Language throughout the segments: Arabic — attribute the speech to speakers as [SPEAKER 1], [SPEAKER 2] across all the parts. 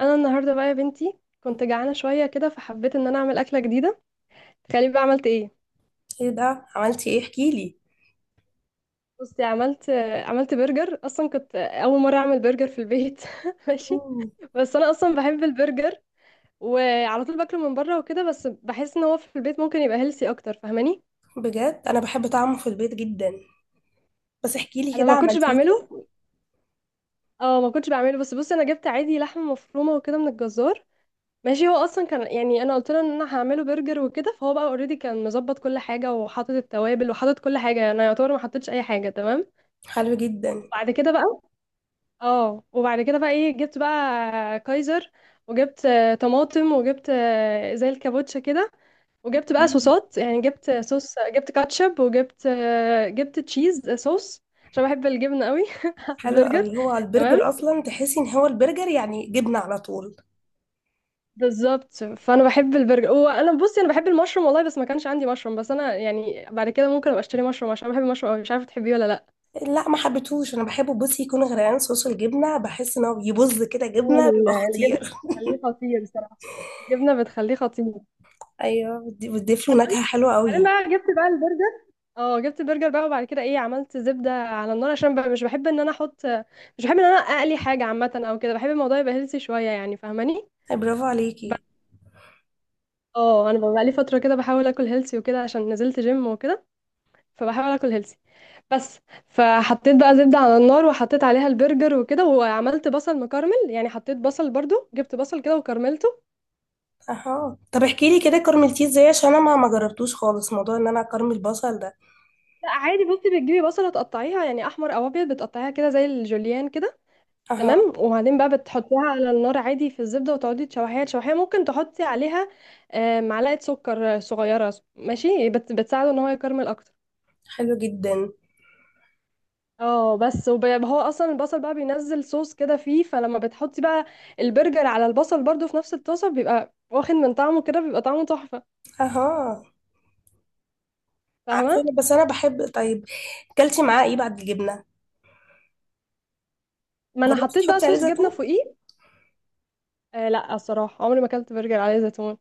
[SPEAKER 1] انا النهارده بقى يا بنتي كنت جعانه شويه كده، فحبيت ان انا اعمل اكله جديده. تخيلي بقى عملت ايه؟
[SPEAKER 2] ايه ده عملتي ايه احكيلي.
[SPEAKER 1] بصي عملت برجر. اصلا كنت اول مره اعمل برجر في البيت ماشي،
[SPEAKER 2] مم.
[SPEAKER 1] بس انا اصلا بحب البرجر وعلى طول باكله من بره وكده، بس بحس ان هو في البيت ممكن يبقى هيلسي اكتر. فاهماني،
[SPEAKER 2] بجد انا بحب طعمه في البيت جدا. بس احكيلي
[SPEAKER 1] انا
[SPEAKER 2] كده
[SPEAKER 1] ما كنتش
[SPEAKER 2] عملتيه
[SPEAKER 1] بعمله.
[SPEAKER 2] ازاي.
[SPEAKER 1] اه، ما كنتش بعمله. بس بصي، انا جبت عادي لحمه مفرومه وكده من الجزار. ماشي، هو اصلا كان يعني انا قلت له ان انا هعمله برجر وكده، فهو بقى اوريدي كان مظبط كل حاجه، وحاطط التوابل، وحاطط كل حاجه. انا يعتبر ما حطيتش اي حاجه. تمام،
[SPEAKER 2] حلو جدا.
[SPEAKER 1] وبعد كده بقى اه وبعد كده بقى ايه، جبت بقى كايزر، وجبت طماطم، وجبت زي الكابوتشا كده، وجبت بقى
[SPEAKER 2] مم.
[SPEAKER 1] صوصات. يعني جبت صوص، جبت كاتشب، وجبت آه، جبت تشيز صوص، عشان بحب الجبنه قوي على
[SPEAKER 2] حلو
[SPEAKER 1] البرجر.
[SPEAKER 2] قوي، هو
[SPEAKER 1] تمام،
[SPEAKER 2] البرجر اصلا تحسي ان هو البرجر يعني جبنه على طول.
[SPEAKER 1] بالظبط، فانا بحب البرجر. وانا بصي، انا بحب المشروم والله، بس ما كانش عندي مشروم. بس انا يعني بعد كده ممكن ابقى اشتري مشروم، عشان بحب المشروم أوي. مش عارفه تحبيه ولا لا.
[SPEAKER 2] لا ما حبيتهوش، انا بحبه بصي يكون غرقان صوص الجبنه، بحس ان هو يبز كده
[SPEAKER 1] هو
[SPEAKER 2] جبنه
[SPEAKER 1] ال-
[SPEAKER 2] بيبقى
[SPEAKER 1] الجبنة
[SPEAKER 2] خطير.
[SPEAKER 1] بتخليه خطير بصراحة. الجبنه بتخليه خطير.
[SPEAKER 2] ايوه بتضيف له نكهه حلوه
[SPEAKER 1] بعدين
[SPEAKER 2] قوي.
[SPEAKER 1] بقى جبت بقى البرجر اه جبت البرجر بقى. وبعد كده ايه، عملت زبده على النار، عشان بقى مش بحب ان انا احط مش بحب ان انا اقلي حاجه عامه او كده. بحب الموضوع يبقى هيلثي شويه، يعني فاهماني؟
[SPEAKER 2] أي برافو
[SPEAKER 1] ب-
[SPEAKER 2] عليكي.
[SPEAKER 1] اه انا بقى لي فتره كده بحاول اكل هيلثي وكده، عشان نزلت جيم وكده، فبحاول اكل هيلثي. بس، فحطيت بقى زبدة على النار، وحطيت عليها البرجر وكده، وعملت بصل مكرمل. يعني حطيت بصل برضو، جبت بصل كده وكرملته.
[SPEAKER 2] اها طب احكي لي كده كرملتيه ازاي، عشان انا ما جربتوش خالص موضوع ان انا اكرمل البصل ده.
[SPEAKER 1] لا عادي، بصي بتجيبي بصلة تقطعيها، يعني احمر او ابيض، بتقطعيها كده زي الجوليان كده.
[SPEAKER 2] اها
[SPEAKER 1] تمام، وبعدين بقى بتحطيها على النار عادي في الزبدة، وتقعدي تشوحيها تشوحيها. ممكن تحطي عليها معلقة سكر صغيرة. ماشي، بتساعده ان هو يكرمل اكتر.
[SPEAKER 2] حلو جدا.
[SPEAKER 1] اه بس، هو اصلا البصل بقى بينزل صوص كده فيه، فلما بتحطي بقى البرجر على البصل برضو في نفس الطاسه، بيبقى واخد من طعمه كده، بيبقى طعمه تحفه.
[SPEAKER 2] اها
[SPEAKER 1] فاهمه؟
[SPEAKER 2] بس انا بحب. طيب كلتي معاه ايه بعد الجبنه؟
[SPEAKER 1] ما انا
[SPEAKER 2] جربتي
[SPEAKER 1] حطيت بقى
[SPEAKER 2] تحطي عليه
[SPEAKER 1] صوص جبنه
[SPEAKER 2] زيتون؟
[SPEAKER 1] فوقيه. آه لا، الصراحه عمري ما اكلت برجر عليه زيتون.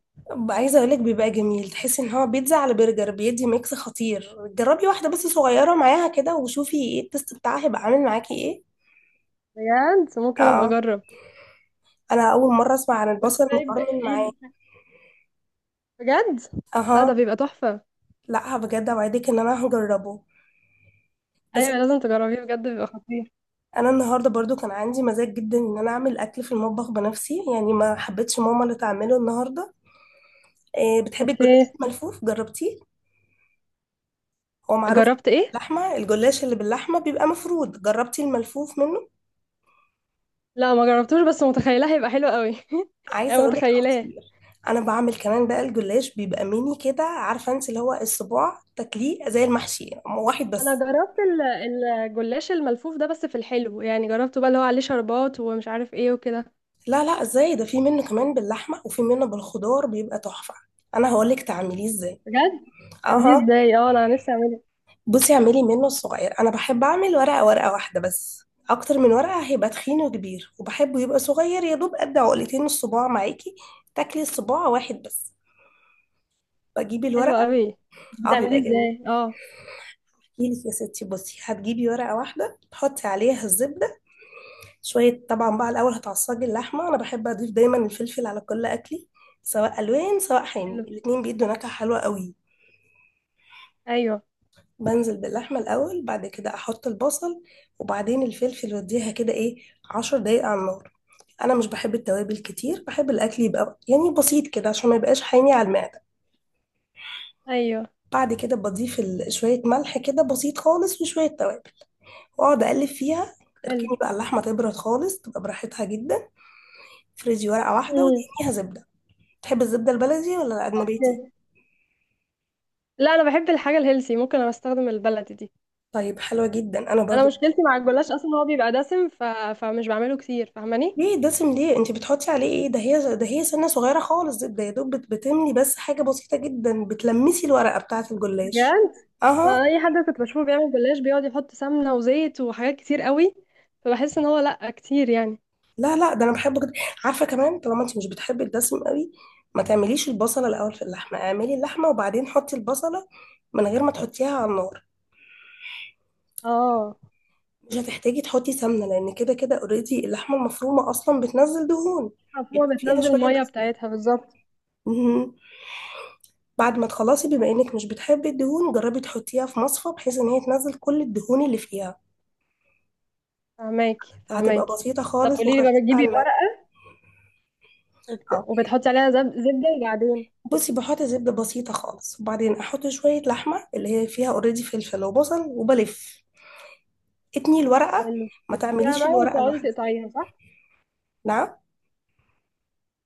[SPEAKER 2] عايزه اقول لك بيبقى جميل، تحسي ان هو بيتزا على برجر، بيدي ميكس خطير. جربي واحده بس صغيره معاها كده وشوفي ايه التست بتاعها هيبقى عامل معاكي ايه.
[SPEAKER 1] بجد ممكن ابقى
[SPEAKER 2] اه
[SPEAKER 1] اجرب.
[SPEAKER 2] انا اول مره اسمع عن
[SPEAKER 1] وانت
[SPEAKER 2] البصل
[SPEAKER 1] طيب،
[SPEAKER 2] المكرمل معاه.
[SPEAKER 1] بجد لا، ده
[SPEAKER 2] اها.
[SPEAKER 1] بيبقى تحفه.
[SPEAKER 2] لا بجد اوعدك ان انا هجربه. بس
[SPEAKER 1] ايوه، لازم تجربيه بجد، بيبقى خطير.
[SPEAKER 2] انا النهارده برضو كان عندي مزاج جدا ان انا اعمل اكل في المطبخ بنفسي، يعني ما حبيتش ماما اللي تعمله النهارده. إيه بتحبي الجلاش
[SPEAKER 1] اوكي،
[SPEAKER 2] الملفوف؟ جربتيه؟ هو معروف.
[SPEAKER 1] جربت ايه؟
[SPEAKER 2] اللحمة، الجلاش اللي باللحمة بيبقى مفرود، جربتي الملفوف منه؟
[SPEAKER 1] لا ما جربتوش، بس متخيلاه هيبقى حلو قوي
[SPEAKER 2] عايزة
[SPEAKER 1] انا
[SPEAKER 2] اقولك
[SPEAKER 1] متخيلاه.
[SPEAKER 2] خطير. انا بعمل كمان بقى الجلاش بيبقى ميني كده، عارفة انت اللي هو الصباع تاكليه زي المحشي. واحد
[SPEAKER 1] انا
[SPEAKER 2] بس.
[SPEAKER 1] الجلاش الملفوف ده بس في الحلو، يعني جربته بقى، اللي هو عليه شربات ومش عارف ايه وكده.
[SPEAKER 2] لا لا ازاي، ده في منه كمان باللحمة وفي منه بالخضار بيبقى تحفة. انا هقولك تعمليه ازاي.
[SPEAKER 1] بجد بتعمليه
[SPEAKER 2] اها
[SPEAKER 1] ازاي؟ اه، انا نفسي اعمله.
[SPEAKER 2] بصي اعملي منه الصغير. انا بحب اعمل ورقة ورقة واحدة بس. اكتر من ورقة هيبقى تخين وكبير، وبحبه يبقى صغير يا دوب قد عقلتين الصباع معاكي. تاكلي الصباع واحد بس. بجيب الورق.
[SPEAKER 1] حلو قوي.
[SPEAKER 2] اه
[SPEAKER 1] بتعمليه
[SPEAKER 2] بيبقى جميل.
[SPEAKER 1] ازاي؟ اه،
[SPEAKER 2] احكي لك يا ستي، بصي هتجيبي ورقه واحده تحطي عليها الزبده. شويه طبعا بقى، الاول هتعصجي اللحمه. انا بحب اضيف دايما الفلفل على كل اكلي، سواء الوان سواء حامي،
[SPEAKER 1] حلو.
[SPEAKER 2] الاتنين بيدوا نكهه حلوه قوي.
[SPEAKER 1] ايوه،
[SPEAKER 2] بنزل باللحمه الاول، بعد كده احط البصل، وبعدين الفلفل، واديها كده ايه، عشر دقايق على النار. انا مش بحب التوابل كتير، بحب الاكل يبقى يعني بسيط كده عشان ما يبقاش حامي على المعده.
[SPEAKER 1] ايوه،
[SPEAKER 2] بعد كده بضيف شويه ملح كده بسيط خالص وشويه توابل، واقعد اقلب فيها.
[SPEAKER 1] حلو.
[SPEAKER 2] اركني بقى اللحمه تبرد خالص تبقى براحتها جدا. افرزي ورقه واحده
[SPEAKER 1] مم.
[SPEAKER 2] ودهنيها زبده. تحب الزبده البلدي ولا النباتي؟
[SPEAKER 1] لا انا بحب الحاجه الهيلسي، ممكن انا استخدم البلدي دي.
[SPEAKER 2] طيب حلوه جدا انا
[SPEAKER 1] انا
[SPEAKER 2] برضو.
[SPEAKER 1] مشكلتي مع الجلاش اصلا هو بيبقى دسم، ف... فمش بعمله كتير. فاهماني؟
[SPEAKER 2] ليه دسم؟ ليه؟ انت بتحطي عليه ايه؟ ده هي ده هي سنه صغيره خالص زبده يا دوب بتملي بس حاجه بسيطه جدا، بتلمسي الورقه بتاعه الجلاش.
[SPEAKER 1] بجد انا
[SPEAKER 2] اها.
[SPEAKER 1] اي حد كنت بشوفه بيعمل جلاش، بيقعد يحط سمنه وزيت وحاجات كتير قوي، فبحس ان هو لا، كتير يعني.
[SPEAKER 2] لا لا ده انا بحبه جدا. عارفه كمان طالما انت مش بتحبي الدسم قوي، ما تعمليش البصله الاول في اللحمه، اعملي اللحمه وبعدين حطي البصله من غير ما تحطيها على النار.
[SPEAKER 1] اه،
[SPEAKER 2] مش هتحتاجي تحطي سمنة، لأن كده كده اوريدي اللحمة المفرومة أصلا بتنزل دهون.
[SPEAKER 1] هو
[SPEAKER 2] يبقى فيها
[SPEAKER 1] بتنزل
[SPEAKER 2] شوية
[SPEAKER 1] المية
[SPEAKER 2] دهون.
[SPEAKER 1] بتاعتها بالظبط.
[SPEAKER 2] مهم. بعد ما تخلصي، بما إنك مش بتحبي الدهون، جربي تحطيها في مصفى بحيث إن هي تنزل كل الدهون اللي فيها.
[SPEAKER 1] فهماكي،
[SPEAKER 2] هتبقى
[SPEAKER 1] فهماكي.
[SPEAKER 2] بسيطة
[SPEAKER 1] طب
[SPEAKER 2] خالص
[SPEAKER 1] قولي لي بقى،
[SPEAKER 2] وخفيفة على
[SPEAKER 1] بتجيبي
[SPEAKER 2] المعدة.
[SPEAKER 1] ورقة،
[SPEAKER 2] اه
[SPEAKER 1] وبتحطي عليها زبدة، وبعدين؟
[SPEAKER 2] بصي بحط زبدة بسيطة خالص، وبعدين أحط شوية لحمة اللي هي فيها اوريدي فلفل وبصل، وبلف اتني الورقة.
[SPEAKER 1] حلو،
[SPEAKER 2] ما
[SPEAKER 1] بتلفيها
[SPEAKER 2] تعمليش
[SPEAKER 1] بقى
[SPEAKER 2] الورقة
[SPEAKER 1] وتقعدي
[SPEAKER 2] لوحدها.
[SPEAKER 1] تقطعيها صح؟
[SPEAKER 2] نعم.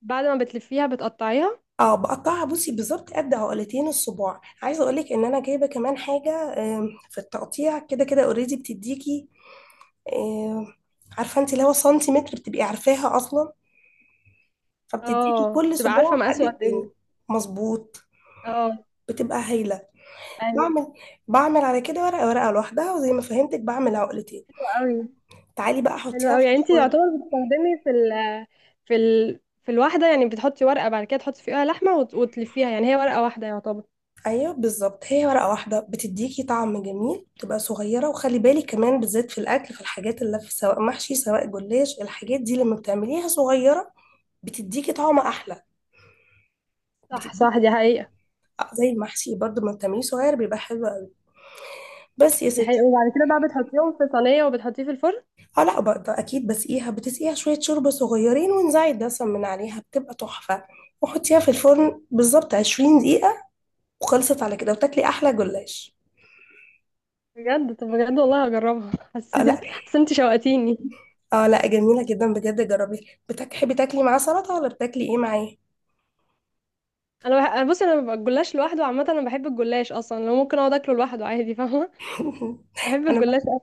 [SPEAKER 1] بعد ما بتلفيها بتقطعيها.
[SPEAKER 2] اه بقطعها بصي، بالظبط قد عقلتين الصباع. عايزه اقولك ان انا جايبه كمان حاجه. في التقطيع كده كده اوريدي بتديكي. آم، عارفه انت اللي هو سنتيمتر، بتبقي عارفاها اصلا، فبتديكي
[SPEAKER 1] اه،
[SPEAKER 2] كل
[SPEAKER 1] تبقى عارفة
[SPEAKER 2] صباع قد
[SPEAKER 1] مقاسه قد
[SPEAKER 2] التاني.
[SPEAKER 1] ايه.
[SPEAKER 2] مظبوط.
[SPEAKER 1] اه،
[SPEAKER 2] بتبقى هايله.
[SPEAKER 1] ايوه،
[SPEAKER 2] بعمل بعمل على كده ورقه ورقه لوحدها، وزي ما فهمتك بعمل عقلتين.
[SPEAKER 1] قوي.
[SPEAKER 2] تعالي بقى
[SPEAKER 1] حلو
[SPEAKER 2] حطيها
[SPEAKER 1] قوي.
[SPEAKER 2] في
[SPEAKER 1] يعني انتي
[SPEAKER 2] الفرن.
[SPEAKER 1] يعتبر بتستخدمي في الواحدة، يعني بتحطي ورقة، بعد كده تحطي فيها لحمة، وتلفيها. يعني هي ورقة واحدة يعتبر.
[SPEAKER 2] ايوه بالظبط، هي ورقه واحده بتديكي طعم جميل بتبقى صغيره. وخلي بالك كمان بالذات في الاكل، في الحاجات اللي في سواء محشي سواء جلاش، الحاجات دي لما بتعمليها صغيره بتديكي طعم احلى.
[SPEAKER 1] صح،
[SPEAKER 2] بتديكي
[SPEAKER 1] صح، دي حقيقة.
[SPEAKER 2] زي المحشي برضه لما بتعمليه صغير بيبقى حلو قوي. بس يا
[SPEAKER 1] دي حقيقة،
[SPEAKER 2] ستي.
[SPEAKER 1] وبعد كده بقى بتحطيهم في صينية، وبتحطيه في الفرن.
[SPEAKER 2] اه لا بقى اكيد بسقيها، بتسقيها شويه شوربه صغيرين وانزعي الدسم من عليها بتبقى تحفه. وحطيها في الفرن بالظبط 20 دقيقه، وخلصت على كده وتاكلي احلى جلاش.
[SPEAKER 1] بجد؟ طب بجد والله هجربها.
[SPEAKER 2] اه
[SPEAKER 1] حسيت
[SPEAKER 2] لا.
[SPEAKER 1] حسيت انت شوقتيني.
[SPEAKER 2] اه لا، جميلة جدا بجد. جربي. بتحبي تاكلي معاه سلطة ولا بتاكلي ايه معاه؟
[SPEAKER 1] انا بصي، انا ببقى الجلاش لوحده عامه. انا بحب الجلاش اصلا، لو ممكن اقعد اكله لوحده عادي. فاهمه، بحب
[SPEAKER 2] انا بقى
[SPEAKER 1] الجلاش أوي.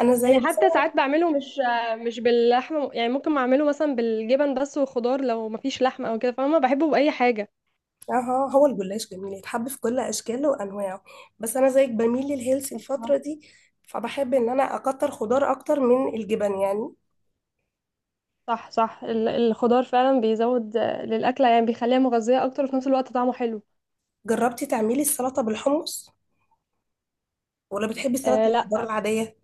[SPEAKER 2] انا زي
[SPEAKER 1] يعني
[SPEAKER 2] بس.
[SPEAKER 1] حتى ساعات بعمله مش باللحمه، يعني ممكن اعمله مثلا بالجبن بس والخضار، لو مفيش لحمه او كده. فاهمه، بحبه باي حاجه.
[SPEAKER 2] اه هو الجلاش جميل يتحب في كل اشكاله وانواعه. بس انا زيك بميل للهيلث الفترة دي، فبحب ان انا اكتر خضار اكتر من الجبن يعني.
[SPEAKER 1] صح، صح، الخضار فعلا بيزود للاكله، يعني بيخليها مغذيه اكتر، وفي نفس الوقت طعمه حلو.
[SPEAKER 2] جربتي تعملي السلطة بالحمص، ولا بتحبي سلطة
[SPEAKER 1] آه لا،
[SPEAKER 2] الخضار العادية؟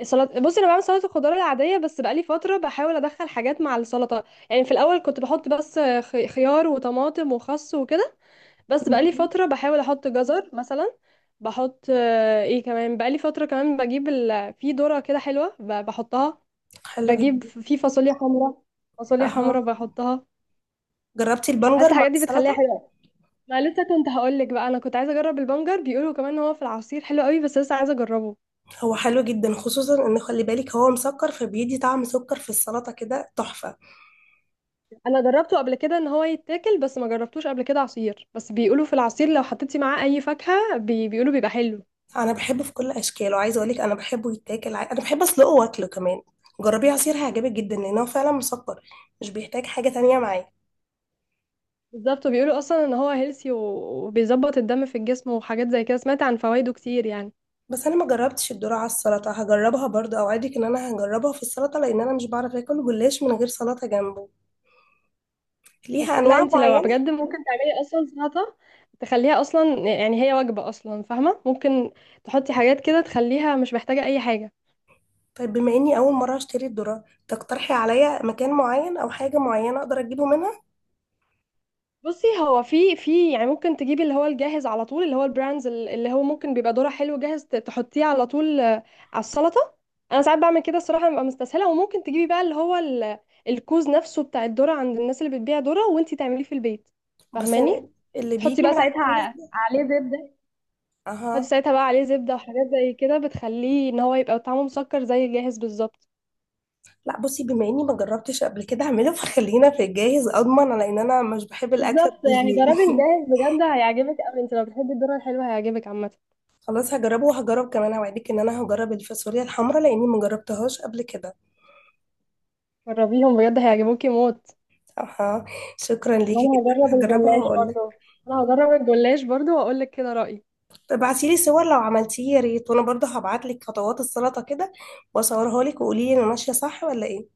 [SPEAKER 1] السلطه بصي، انا بعمل سلطه الخضار العاديه، بس بقالي فتره بحاول ادخل حاجات مع السلطه. يعني في الاول كنت بحط بس خيار وطماطم وخس وكده، بس بقالي
[SPEAKER 2] مهم.
[SPEAKER 1] فتره بحاول احط جزر مثلا. بحط آه، ايه كمان، بقالي فتره كمان بجيب في ذره كده حلوه، بحطها.
[SPEAKER 2] حلو
[SPEAKER 1] بجيب
[SPEAKER 2] جدا.
[SPEAKER 1] في فاصوليا حمراء، فاصوليا
[SPEAKER 2] اها.
[SPEAKER 1] حمراء بحطها.
[SPEAKER 2] جربتي
[SPEAKER 1] بحس
[SPEAKER 2] البنجر مع
[SPEAKER 1] الحاجات دي بتخليها
[SPEAKER 2] السلطة؟
[SPEAKER 1] حلوه. ما لسه كنت هقول لك بقى، انا كنت عايزه اجرب البنجر، بيقولوا كمان ان هو في العصير حلو قوي، بس لسه عايزه اجربه.
[SPEAKER 2] هو حلو جدا، خصوصا ان خلي بالك هو مسكر فبيدي طعم سكر في السلطة كده تحفة.
[SPEAKER 1] انا جربته قبل كده ان هو يتاكل، بس ما جربتوش قبل كده عصير. بس بيقولوا في العصير لو حطيتي معاه اي فاكهة، بيقولوا بيبقى حلو.
[SPEAKER 2] انا بحبه في كل اشكاله، عايزه اقول لك انا بحبه يتاكل، انا بحب اسلقه واكله كمان. جربيه عصير هيعجبك جدا لان هو فعلا مسكر، مش بيحتاج حاجه تانية معاه.
[SPEAKER 1] بالظبط، وبيقولوا اصلا ان هو هيلثي، وبيظبط الدم في الجسم وحاجات زي كده. سمعت عن فوائده كتير يعني.
[SPEAKER 2] بس انا ما جربتش الذره على السلطه، هجربها برضه اوعدك ان انا هجربها في السلطه، لان انا مش بعرف اكل جلاش من غير سلطه جنبه. ليها
[SPEAKER 1] اوكي، لا
[SPEAKER 2] انواع
[SPEAKER 1] انت لو
[SPEAKER 2] معينه.
[SPEAKER 1] بجد ممكن تعملي اصلا سلطة، تخليها اصلا يعني هي وجبة اصلا. فاهمة، ممكن تحطي حاجات كده تخليها مش محتاجة اي حاجة.
[SPEAKER 2] طيب بما اني اول مره اشتري الذره، تقترحي عليا مكان معين او حاجه معينه اقدر اجيبه منها؟
[SPEAKER 1] بصي، هو في يعني، ممكن تجيبي اللي هو الجاهز على طول، اللي هو البراندز، اللي هو ممكن بيبقى دورة حلو جاهز، تحطيه على طول على السلطة. انا ساعات بعمل كده الصراحة، ببقى مستسهلة. وممكن تجيبي بقى اللي هو الكوز نفسه بتاع الذرة، عند الناس اللي بتبيع ذرة، وانتي تعمليه في البيت.
[SPEAKER 2] بس
[SPEAKER 1] فاهماني،
[SPEAKER 2] اللي
[SPEAKER 1] تحطي
[SPEAKER 2] بيجي
[SPEAKER 1] بقى
[SPEAKER 2] من عند
[SPEAKER 1] ساعتها
[SPEAKER 2] الناس ده.
[SPEAKER 1] عليه زبدة. تحطي
[SPEAKER 2] اها.
[SPEAKER 1] ساعتها بقى عليه زبدة وحاجات زي كده، بتخليه ان هو يبقى طعمه مسكر زي الجاهز بالظبط.
[SPEAKER 2] لا بصي بما اني ما جربتش قبل كده اعمله، فخلينا في الجاهز اضمن، على ان انا مش بحب الاكله
[SPEAKER 1] بالظبط،
[SPEAKER 2] تبوظ
[SPEAKER 1] يعني جربي
[SPEAKER 2] مني.
[SPEAKER 1] الجاهز بجد، هيعجبك قوي. انت لو بتحبي الذرة الحلوة هيعجبك عامة.
[SPEAKER 2] خلاص هجربه. وهجرب كمان اوعدك ان انا هجرب الفاصوليا الحمراء لاني ما جربتهاش قبل كده.
[SPEAKER 1] جربيهم بجد، هيعجبوكي موت.
[SPEAKER 2] اها. شكرا ليكي
[SPEAKER 1] وانا
[SPEAKER 2] جدا،
[SPEAKER 1] هجرب
[SPEAKER 2] هجربها
[SPEAKER 1] الجلاش
[SPEAKER 2] واقول لك.
[SPEAKER 1] برضو. انا هجرب الجلاش برضو واقول لك كده رأيي.
[SPEAKER 2] ابعتي لي صور لو عملتيه يا ريت، وانا برضه هبعت لك خطوات السلطه كده واصورها لك، وقولي لي انا ماشيه صح ولا ايه.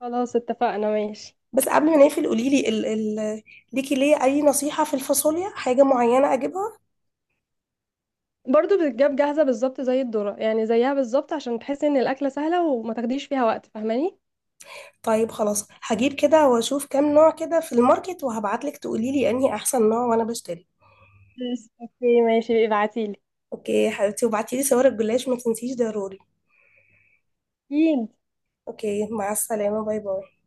[SPEAKER 1] خلاص اتفقنا، ماشي.
[SPEAKER 2] بس قبل ما نقفل قولي لي ال ال ليكي ليه اي نصيحه في الفاصوليا، حاجه معينه اجيبها؟
[SPEAKER 1] برضو بتتجاب جاهزة بالظبط زي الذرة، يعني زيها بالظبط، عشان تحسي ان الأكلة سهلة وما تاخديش فيها وقت. فاهماني؟
[SPEAKER 2] طيب خلاص هجيب كده واشوف كام نوع كده في الماركت، وهبعتلك تقوليلي انهي احسن نوع وانا بشتري.
[SPEAKER 1] بس اوكي، ماشي، ابعتيلي.
[SPEAKER 2] اوكي يا حبيبتي، وبعتيلي صور الجلاش ما تنسيش ضروري.
[SPEAKER 1] اكيد.
[SPEAKER 2] اوكي مع السلامة، باي باي.